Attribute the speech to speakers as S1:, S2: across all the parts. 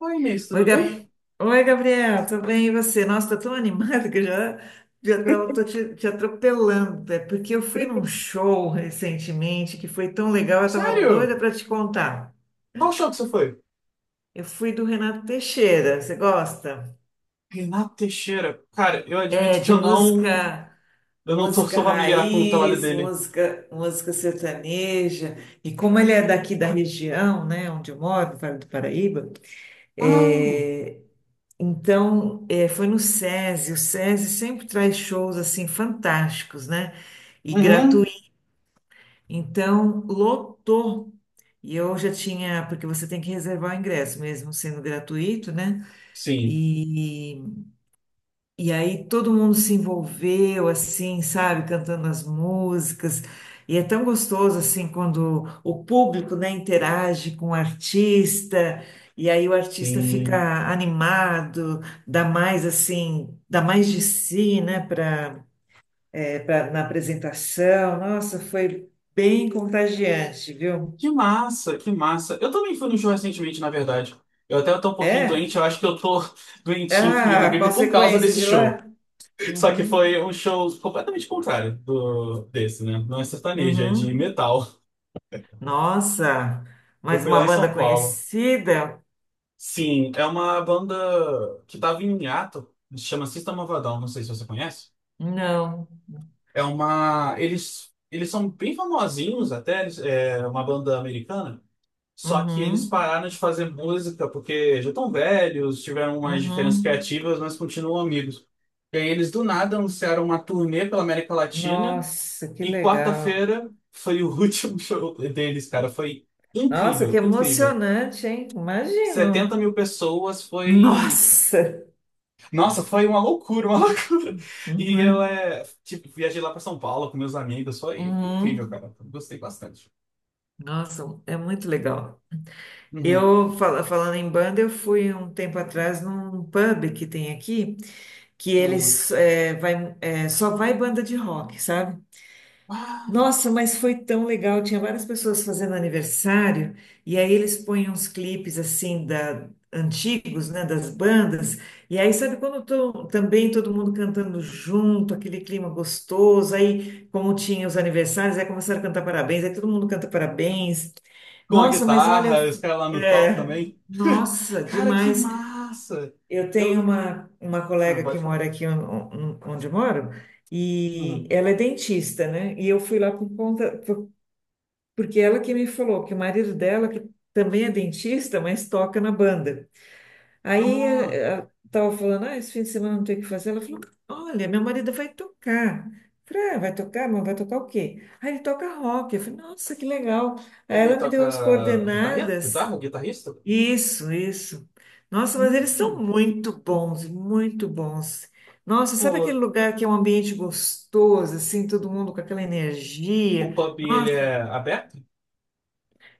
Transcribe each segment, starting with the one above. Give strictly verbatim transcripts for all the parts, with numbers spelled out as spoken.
S1: Oi, Inês,
S2: Oi,
S1: tudo bem?
S2: Gab... Oi, Gabriel, tudo bem? E você? Nossa, tô tão animada que eu já, já tava, tô te, te atropelando. É porque eu fui num show recentemente que foi tão legal, eu tava
S1: Sério?
S2: doida para te contar.
S1: Qual show que você foi?
S2: Eu fui do Renato Teixeira, você gosta?
S1: Renato Teixeira. Cara, eu
S2: É,
S1: admito que
S2: de
S1: eu não.
S2: música,
S1: Eu não tô
S2: música
S1: sou familiar com o trabalho
S2: raiz,
S1: dele.
S2: música, música sertaneja. E como ele é daqui da região, né, onde eu moro, no Vale do Paraíba,
S1: Ah,
S2: é. Então, eh, foi no SESI. O SESI sempre traz shows assim fantásticos, né? E
S1: uhum.
S2: gratuito. Então, lotou. E eu já tinha, porque você tem que reservar o ingresso, mesmo sendo gratuito, né?
S1: Sim,
S2: e e aí todo mundo se envolveu, assim, sabe, cantando as músicas. E é tão gostoso, assim, quando o público, né, interage com o artista, e aí o artista
S1: sim.
S2: fica animado, dá mais, assim, dá mais de si, né, para na apresentação. Nossa, foi bem contagiante, viu?
S1: Que massa, que massa. Eu também fui no show recentemente, na verdade. Eu até tô um pouquinho
S2: É?
S1: doente, eu acho que eu tô doentinho, peguei uma
S2: Ah,
S1: gripe por causa
S2: consequência
S1: desse
S2: de
S1: show.
S2: lá?
S1: Só que
S2: Uhum,
S1: foi um show completamente contrário do desse, né? Não é sertanejo, é de
S2: uhum.
S1: metal.
S2: Nossa,
S1: Eu
S2: mais
S1: fui lá
S2: uma
S1: em São
S2: banda
S1: Paulo.
S2: conhecida?
S1: Sim, é uma banda que tava em hiato, se chama System of a Down, não sei se você conhece.
S2: Não.
S1: É uma. Eles, eles são bem famosinhos até, eles- é uma banda americana, só que eles
S2: Uhum,
S1: pararam de fazer música porque já estão velhos, tiveram umas diferenças
S2: uhum.
S1: criativas, mas continuam amigos. E aí eles do nada anunciaram uma turnê pela América Latina
S2: Nossa, que
S1: e
S2: legal.
S1: quarta-feira foi o último show deles, cara. Foi
S2: Nossa, que
S1: incrível, incrível.
S2: emocionante, hein?
S1: setenta
S2: Imagino.
S1: mil pessoas foi.
S2: Nossa.
S1: Nossa, foi uma loucura, uma loucura. E eu,
S2: Uhum,
S1: é, tipo, viajei lá pra São Paulo com meus amigos. Foi incrível,
S2: uhum.
S1: cara. Gostei bastante.
S2: Nossa, é muito legal.
S1: Uhum,
S2: Eu, fala- falando em banda, eu fui um tempo atrás num pub que tem aqui, que
S1: uhum.
S2: eles eh, vai, eh, só vai banda de rock, sabe?
S1: Ah,
S2: Nossa, mas foi tão legal. Tinha várias pessoas fazendo aniversário e aí eles põem uns clipes assim da antigos, né, das bandas. E aí sabe quando tô, também todo mundo cantando junto, aquele clima gostoso. Aí como tinha os aniversários, aí começaram a cantar parabéns. Aí todo mundo canta parabéns.
S1: com a
S2: Nossa, mas olha,
S1: guitarra, os caras lá no top
S2: é,
S1: também.
S2: nossa,
S1: Cara, que
S2: demais.
S1: massa!
S2: Eu tenho
S1: Eu.
S2: uma, uma
S1: Ah,
S2: colega que
S1: pode falar.
S2: mora aqui on- on- onde eu moro e
S1: Uhum.
S2: ela é dentista, né? E eu fui lá por conta, por- porque ela que me falou que o marido dela, que também é dentista, mas toca na banda. Aí eh,
S1: Ah,
S2: eh, ela estava falando, ah, esse fim de semana não tem o que fazer. Ela falou, olha, meu marido vai tocar. Eu falei, ah, vai tocar, mas vai tocar o quê? Ah, ele toca rock. Eu falei, nossa, que legal. Aí
S1: ele
S2: ela me deu as
S1: toca guitarra?
S2: coordenadas.
S1: Guitarra? Guitarrista?
S2: Isso, isso. Nossa, mas eles são
S1: Hum,
S2: muito bons, muito bons. Nossa, sabe
S1: pô,
S2: aquele lugar que é um ambiente gostoso, assim, todo mundo com aquela
S1: o
S2: energia?
S1: pub ele
S2: Nossa,
S1: é aberto?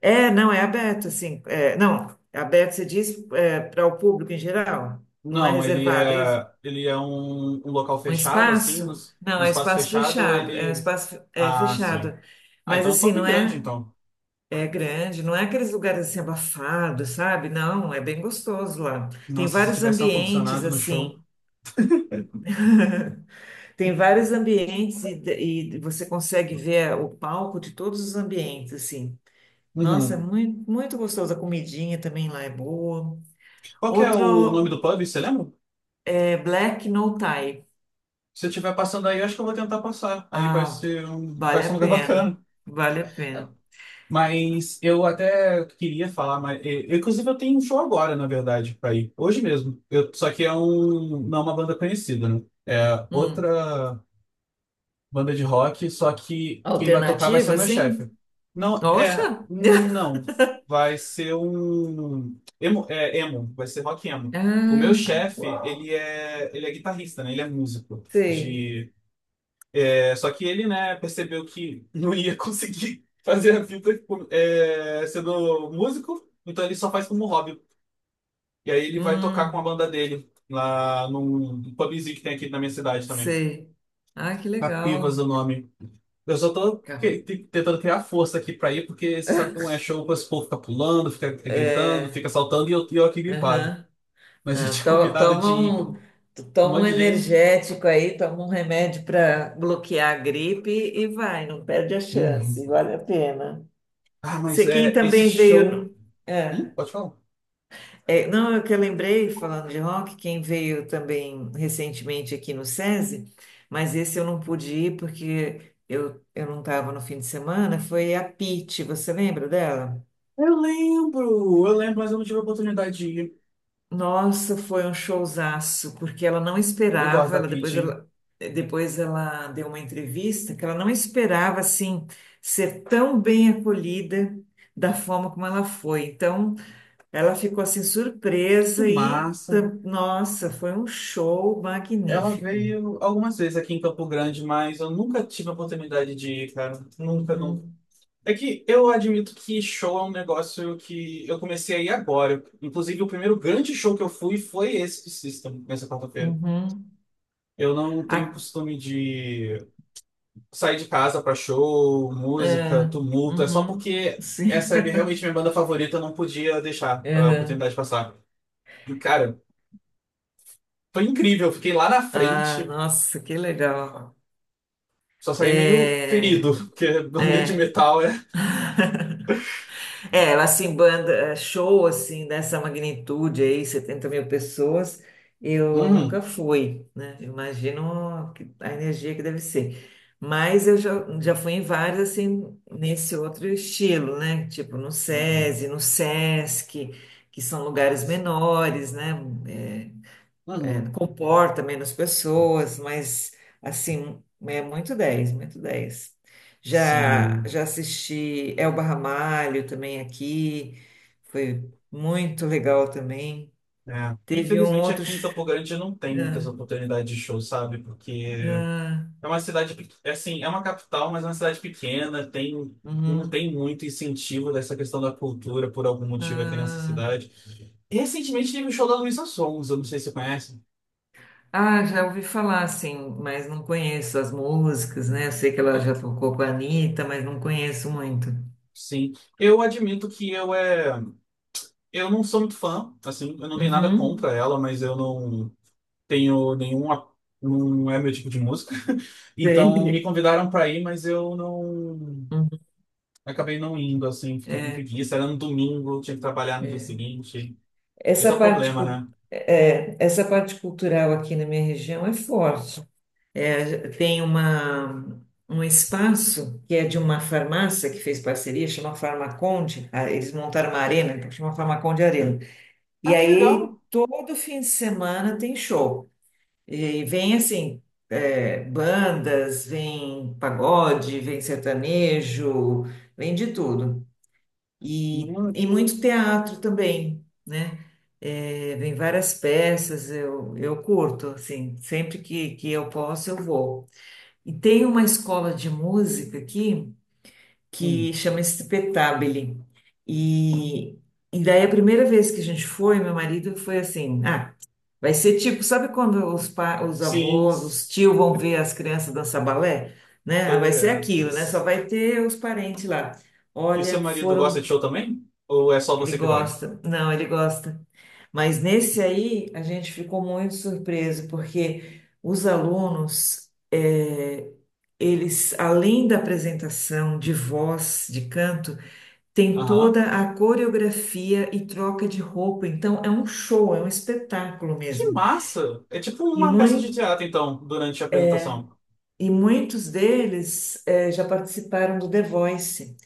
S2: é, não, é aberto, assim, é, não, é aberto, você diz, é, para o público em geral, não é
S1: Não, ele
S2: reservado, é isso?
S1: é, ele é um, um local
S2: Um
S1: fechado, assim,
S2: espaço?
S1: nos- um
S2: Não, é um
S1: espaço
S2: espaço
S1: fechado,
S2: fechado, é um
S1: ele.
S2: espaço é,
S1: Ah, sim.
S2: fechado.
S1: Ah,
S2: Mas
S1: então é um
S2: assim,
S1: pub
S2: não
S1: grande,
S2: é?
S1: então.
S2: É grande, não é aqueles lugares assim abafados, sabe? Não, é bem gostoso lá. Tem
S1: Nossa, se
S2: vários
S1: tivesse um
S2: ambientes
S1: ar-condicionado no show.
S2: assim. Tem vários ambientes e, e você consegue ver eh, o palco de todos os ambientes, assim. Nossa, é
S1: Uhum.
S2: muito, muito gostoso. A comidinha também lá é boa.
S1: Qual que é o nome do
S2: Outro
S1: pub, você lembra?
S2: é Black No Tie.
S1: Se eu estiver passando aí, eu acho que eu vou tentar passar. Aí vai
S2: Ah,
S1: ser um, vai
S2: vale
S1: ser um
S2: a
S1: lugar
S2: pena.
S1: bacana.
S2: Vale a pena.
S1: Mas eu até queria falar, mas eu- inclusive eu tenho um show agora, na verdade, para ir. Hoje mesmo. Eu, só que é um, não é uma banda conhecida, né? É
S2: Hum.
S1: outra. Banda de rock, só que quem vai tocar vai ser o
S2: Alternativa,
S1: meu chefe.
S2: sim?
S1: Não, é.
S2: Oxa!
S1: Não. Vai ser um. Emo, é, emo. Vai ser rock emo. O meu chefe,
S2: Ah,
S1: ele é, ele é guitarrista, né? Ele é músico.
S2: sei.
S1: De, é, só que ele, né, percebeu que não ia conseguir fazer a vida tipo, é, sendo músico, então ele só faz como hobby. E aí ele vai tocar com a
S2: Hum.
S1: banda dele lá num pubzinho que tem aqui na minha cidade também.
S2: Sei. Ah, que
S1: Capivas é o
S2: legal.
S1: nome. Eu só tô
S2: Ca-
S1: que- te- tentando criar força aqui pra ir, porque você sabe como é show, esse povo fica pulando, fica gritando, fica saltando e eu, e eu aqui gripado.
S2: Aham.
S1: Mas eu
S2: Ah,
S1: tinha
S2: to-
S1: combinado de
S2: toma
S1: ir com
S2: um, tu
S1: com um
S2: toma um
S1: monte de gente.
S2: energético aí, toma um remédio para bloquear a gripe e vai, não perde a chance,
S1: Uhum.
S2: vale a pena.
S1: Ah, mas
S2: Se quem
S1: é, esse
S2: também veio.
S1: show.
S2: No-
S1: Hum,
S2: É,
S1: pode falar.
S2: é, não, é que eu lembrei, falando de rock, quem veio também recentemente aqui no SESI, mas esse eu não pude ir porque eu, eu não estava no fim de semana, foi a Pitty, você lembra dela?
S1: Eu lembro, eu lembro, mas eu não tive a oportunidade de ir.
S2: Nossa, foi um showzaço, porque ela não
S1: Eu gosto
S2: esperava,
S1: da
S2: ela
S1: Peach,
S2: depois
S1: hein?
S2: ela depois ela deu uma entrevista que ela não esperava assim ser tão bem acolhida da forma como ela foi. Então, ela ficou assim
S1: Que
S2: surpresa e
S1: massa.
S2: tam- nossa, foi um show
S1: Ela
S2: magnífico.
S1: veio algumas vezes aqui em Campo Grande, mas eu nunca tive a oportunidade de ir, cara. Nunca, nunca.
S2: Uhum,
S1: É que eu admito que show é um negócio que eu comecei a ir agora. Inclusive, o primeiro grande show que eu fui foi esse de System, nessa quarta-feira.
S2: uhum.
S1: Eu não tenho
S2: A-
S1: costume de sair de casa pra show, música,
S2: É,
S1: tumulto. É só
S2: uhum,
S1: porque
S2: sim.
S1: essa é realmente minha banda favorita, eu não podia deixar a
S2: Uhum.
S1: oportunidade passar. E, cara, foi incrível. Eu fiquei lá na
S2: Ah,
S1: frente,
S2: nossa, que legal.
S1: só saí meio
S2: É,
S1: ferido, porque banda de metal é.
S2: é, ela assim, banda, é, show assim, dessa magnitude aí, setenta mil pessoas, eu nunca
S1: Uhum.
S2: fui, né? Eu imagino que a energia que deve ser. Mas eu já, já fui em vários, assim, nesse outro estilo, né? Tipo no SESI, no SESC, que são lugares menores, né? É,
S1: Uhum.
S2: comporta menos pessoas, mas assim, é muito dez, muito dez. Já,
S1: Sim.
S2: já assisti Elba Ramalho também aqui, foi muito legal também.
S1: É.
S2: Teve um
S1: Infelizmente
S2: outro.
S1: aqui em Campo
S2: sh-
S1: Grande não tem muitas
S2: Ah,
S1: oportunidades de show, sabe? Porque
S2: ah,
S1: é uma cidade, pe- é assim, é uma capital, mas é uma cidade pequena, tem, não
S2: uhum,
S1: tem muito incentivo dessa questão da cultura por algum motivo aqui nessa
S2: ah,
S1: cidade. Recentemente teve o show da Luísa Sons, eu não sei se você conhece.
S2: ah, já ouvi falar, sim, mas não conheço as músicas, né? Eu sei que ela
S1: É,
S2: já tocou com a Anitta, mas não conheço muito.
S1: sim, eu admito que eu é, eu não sou muito fã, assim, eu não tenho nada
S2: Uhum.
S1: contra ela, mas eu não tenho nenhuma, não é meu tipo de música. Então me
S2: Sei.
S1: convidaram para ir, mas eu não. Eu acabei não indo, assim, fiquei com preguiça. Era no domingo, tinha que trabalhar no dia seguinte. Esse
S2: Essa
S1: é o
S2: parte,
S1: problema,
S2: cu-
S1: né?
S2: é, essa parte cultural aqui na minha região é forte. É, tem uma, um espaço que é de uma farmácia que fez parceria, chama Farmaconde. Ah, eles montaram uma arena, então chama Farmaconde Arena. E
S1: Ah, que legal!
S2: aí, todo fim de semana tem show. E vem assim, é, bandas, vem pagode, vem sertanejo, vem de tudo. E,
S1: Hum,
S2: e muito teatro também, né? É, vem várias peças, eu, eu curto, assim, sempre que, que eu posso, eu vou. E tem uma escola de música aqui que
S1: hum.
S2: chama Spetabile. E, e daí a primeira vez que a gente foi, meu marido foi assim, ah, vai ser tipo, sabe quando os, pa, os
S1: Sim,
S2: avós, os tios vão ver as crianças dançar balé? Né?
S1: tá
S2: Ah, vai ser
S1: ligado.
S2: aquilo, né? Só vai ter os parentes lá.
S1: E o seu
S2: Olha,
S1: marido gosta de
S2: foram
S1: show também? Ou é só
S2: ele
S1: você que vai?
S2: gosta, não, ele gosta. Mas nesse aí a gente ficou muito surpreso, porque os alunos, eh, eles, além da apresentação de voz, de canto, tem
S1: Aham.
S2: toda a coreografia e troca de roupa. Então é um show, é um espetáculo
S1: Que
S2: mesmo.
S1: massa! É tipo
S2: E
S1: uma
S2: mui-
S1: peça de teatro, então, durante a apresentação.
S2: E muitos deles eh, já participaram do The Voice.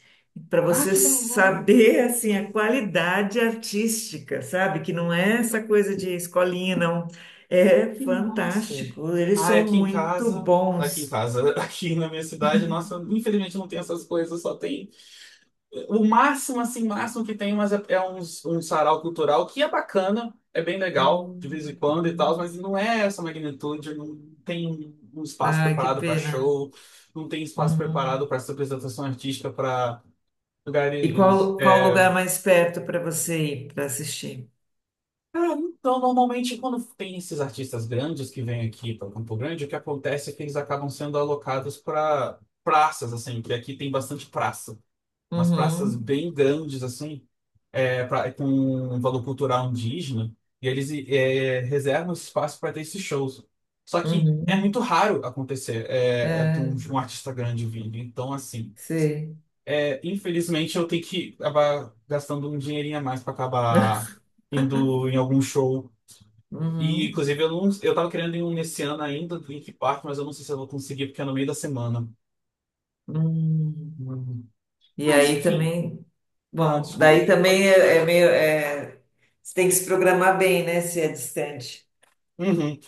S2: Para
S1: Ah,
S2: você
S1: que legal!
S2: saber assim a qualidade artística, sabe? Que não é essa coisa de escolinha, não. É
S1: Que massa!
S2: fantástico. Eles
S1: Ah, é
S2: são
S1: aqui em
S2: muito
S1: casa. Aqui em
S2: bons.
S1: casa, aqui na minha cidade, nossa, infelizmente não tem essas coisas, só tem. O máximo, assim, máximo que tem, mas é, é uns, um sarau cultural que é bacana, é bem legal, de vez em
S2: Hum,
S1: quando e tal,
S2: hum.
S1: mas não é essa magnitude, não tem um espaço
S2: Ai, que
S1: preparado para
S2: pena.
S1: show, não tem espaço preparado
S2: Uhum.
S1: para essa apresentação artística para
S2: E
S1: lugares.
S2: qual, qual o
S1: É,
S2: lugar mais perto para você ir para assistir?
S1: ah, então, normalmente, quando tem esses artistas grandes que vêm aqui para Campo Grande, o que acontece é que eles acabam sendo alocados para praças, assim, que aqui tem bastante praça, umas praças
S2: Uhum.
S1: bem grandes, assim. É, pra- é com um valor cultural indígena, e eles é, reservam esse espaço para ter esses shows. Só que é
S2: Uhum.
S1: muito raro acontecer é, é, ter
S2: É,
S1: um, um artista grande vindo. Então, assim,
S2: sei.
S1: é, infelizmente eu tenho que acabar gastando um dinheirinho a mais para acabar indo em algum show. E,
S2: Uhum.
S1: inclusive, eu não, eu tava querendo ir um nesse ano ainda do Link Park, mas eu não sei se eu vou conseguir, porque é no meio da semana.
S2: Hum.
S1: Uhum.
S2: E
S1: Mas,
S2: aí
S1: enfim,
S2: também,
S1: ah,
S2: bom, daí
S1: desculpa, pode.
S2: também é, é meio, é, você tem que se programar bem, né, se é distante.
S1: Uhum.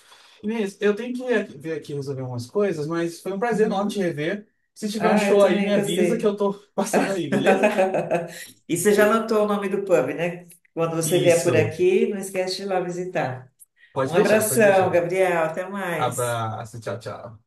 S1: Inês, eu tenho que ir- ver aqui resolver umas coisas, mas foi um prazer enorme te
S2: Uhum.
S1: rever. Se tiver um
S2: Ah, eu
S1: show aí, me
S2: também
S1: avisa que
S2: gostei.
S1: eu tô passando aí, beleza?
S2: E você já anotou o nome do pub, né? Quando você vier por
S1: Isso.
S2: aqui, não esquece de ir lá visitar.
S1: Pode
S2: Um
S1: deixar, pode
S2: abração,
S1: deixar.
S2: Gabriel, até mais.
S1: Abraço, tchau, tchau.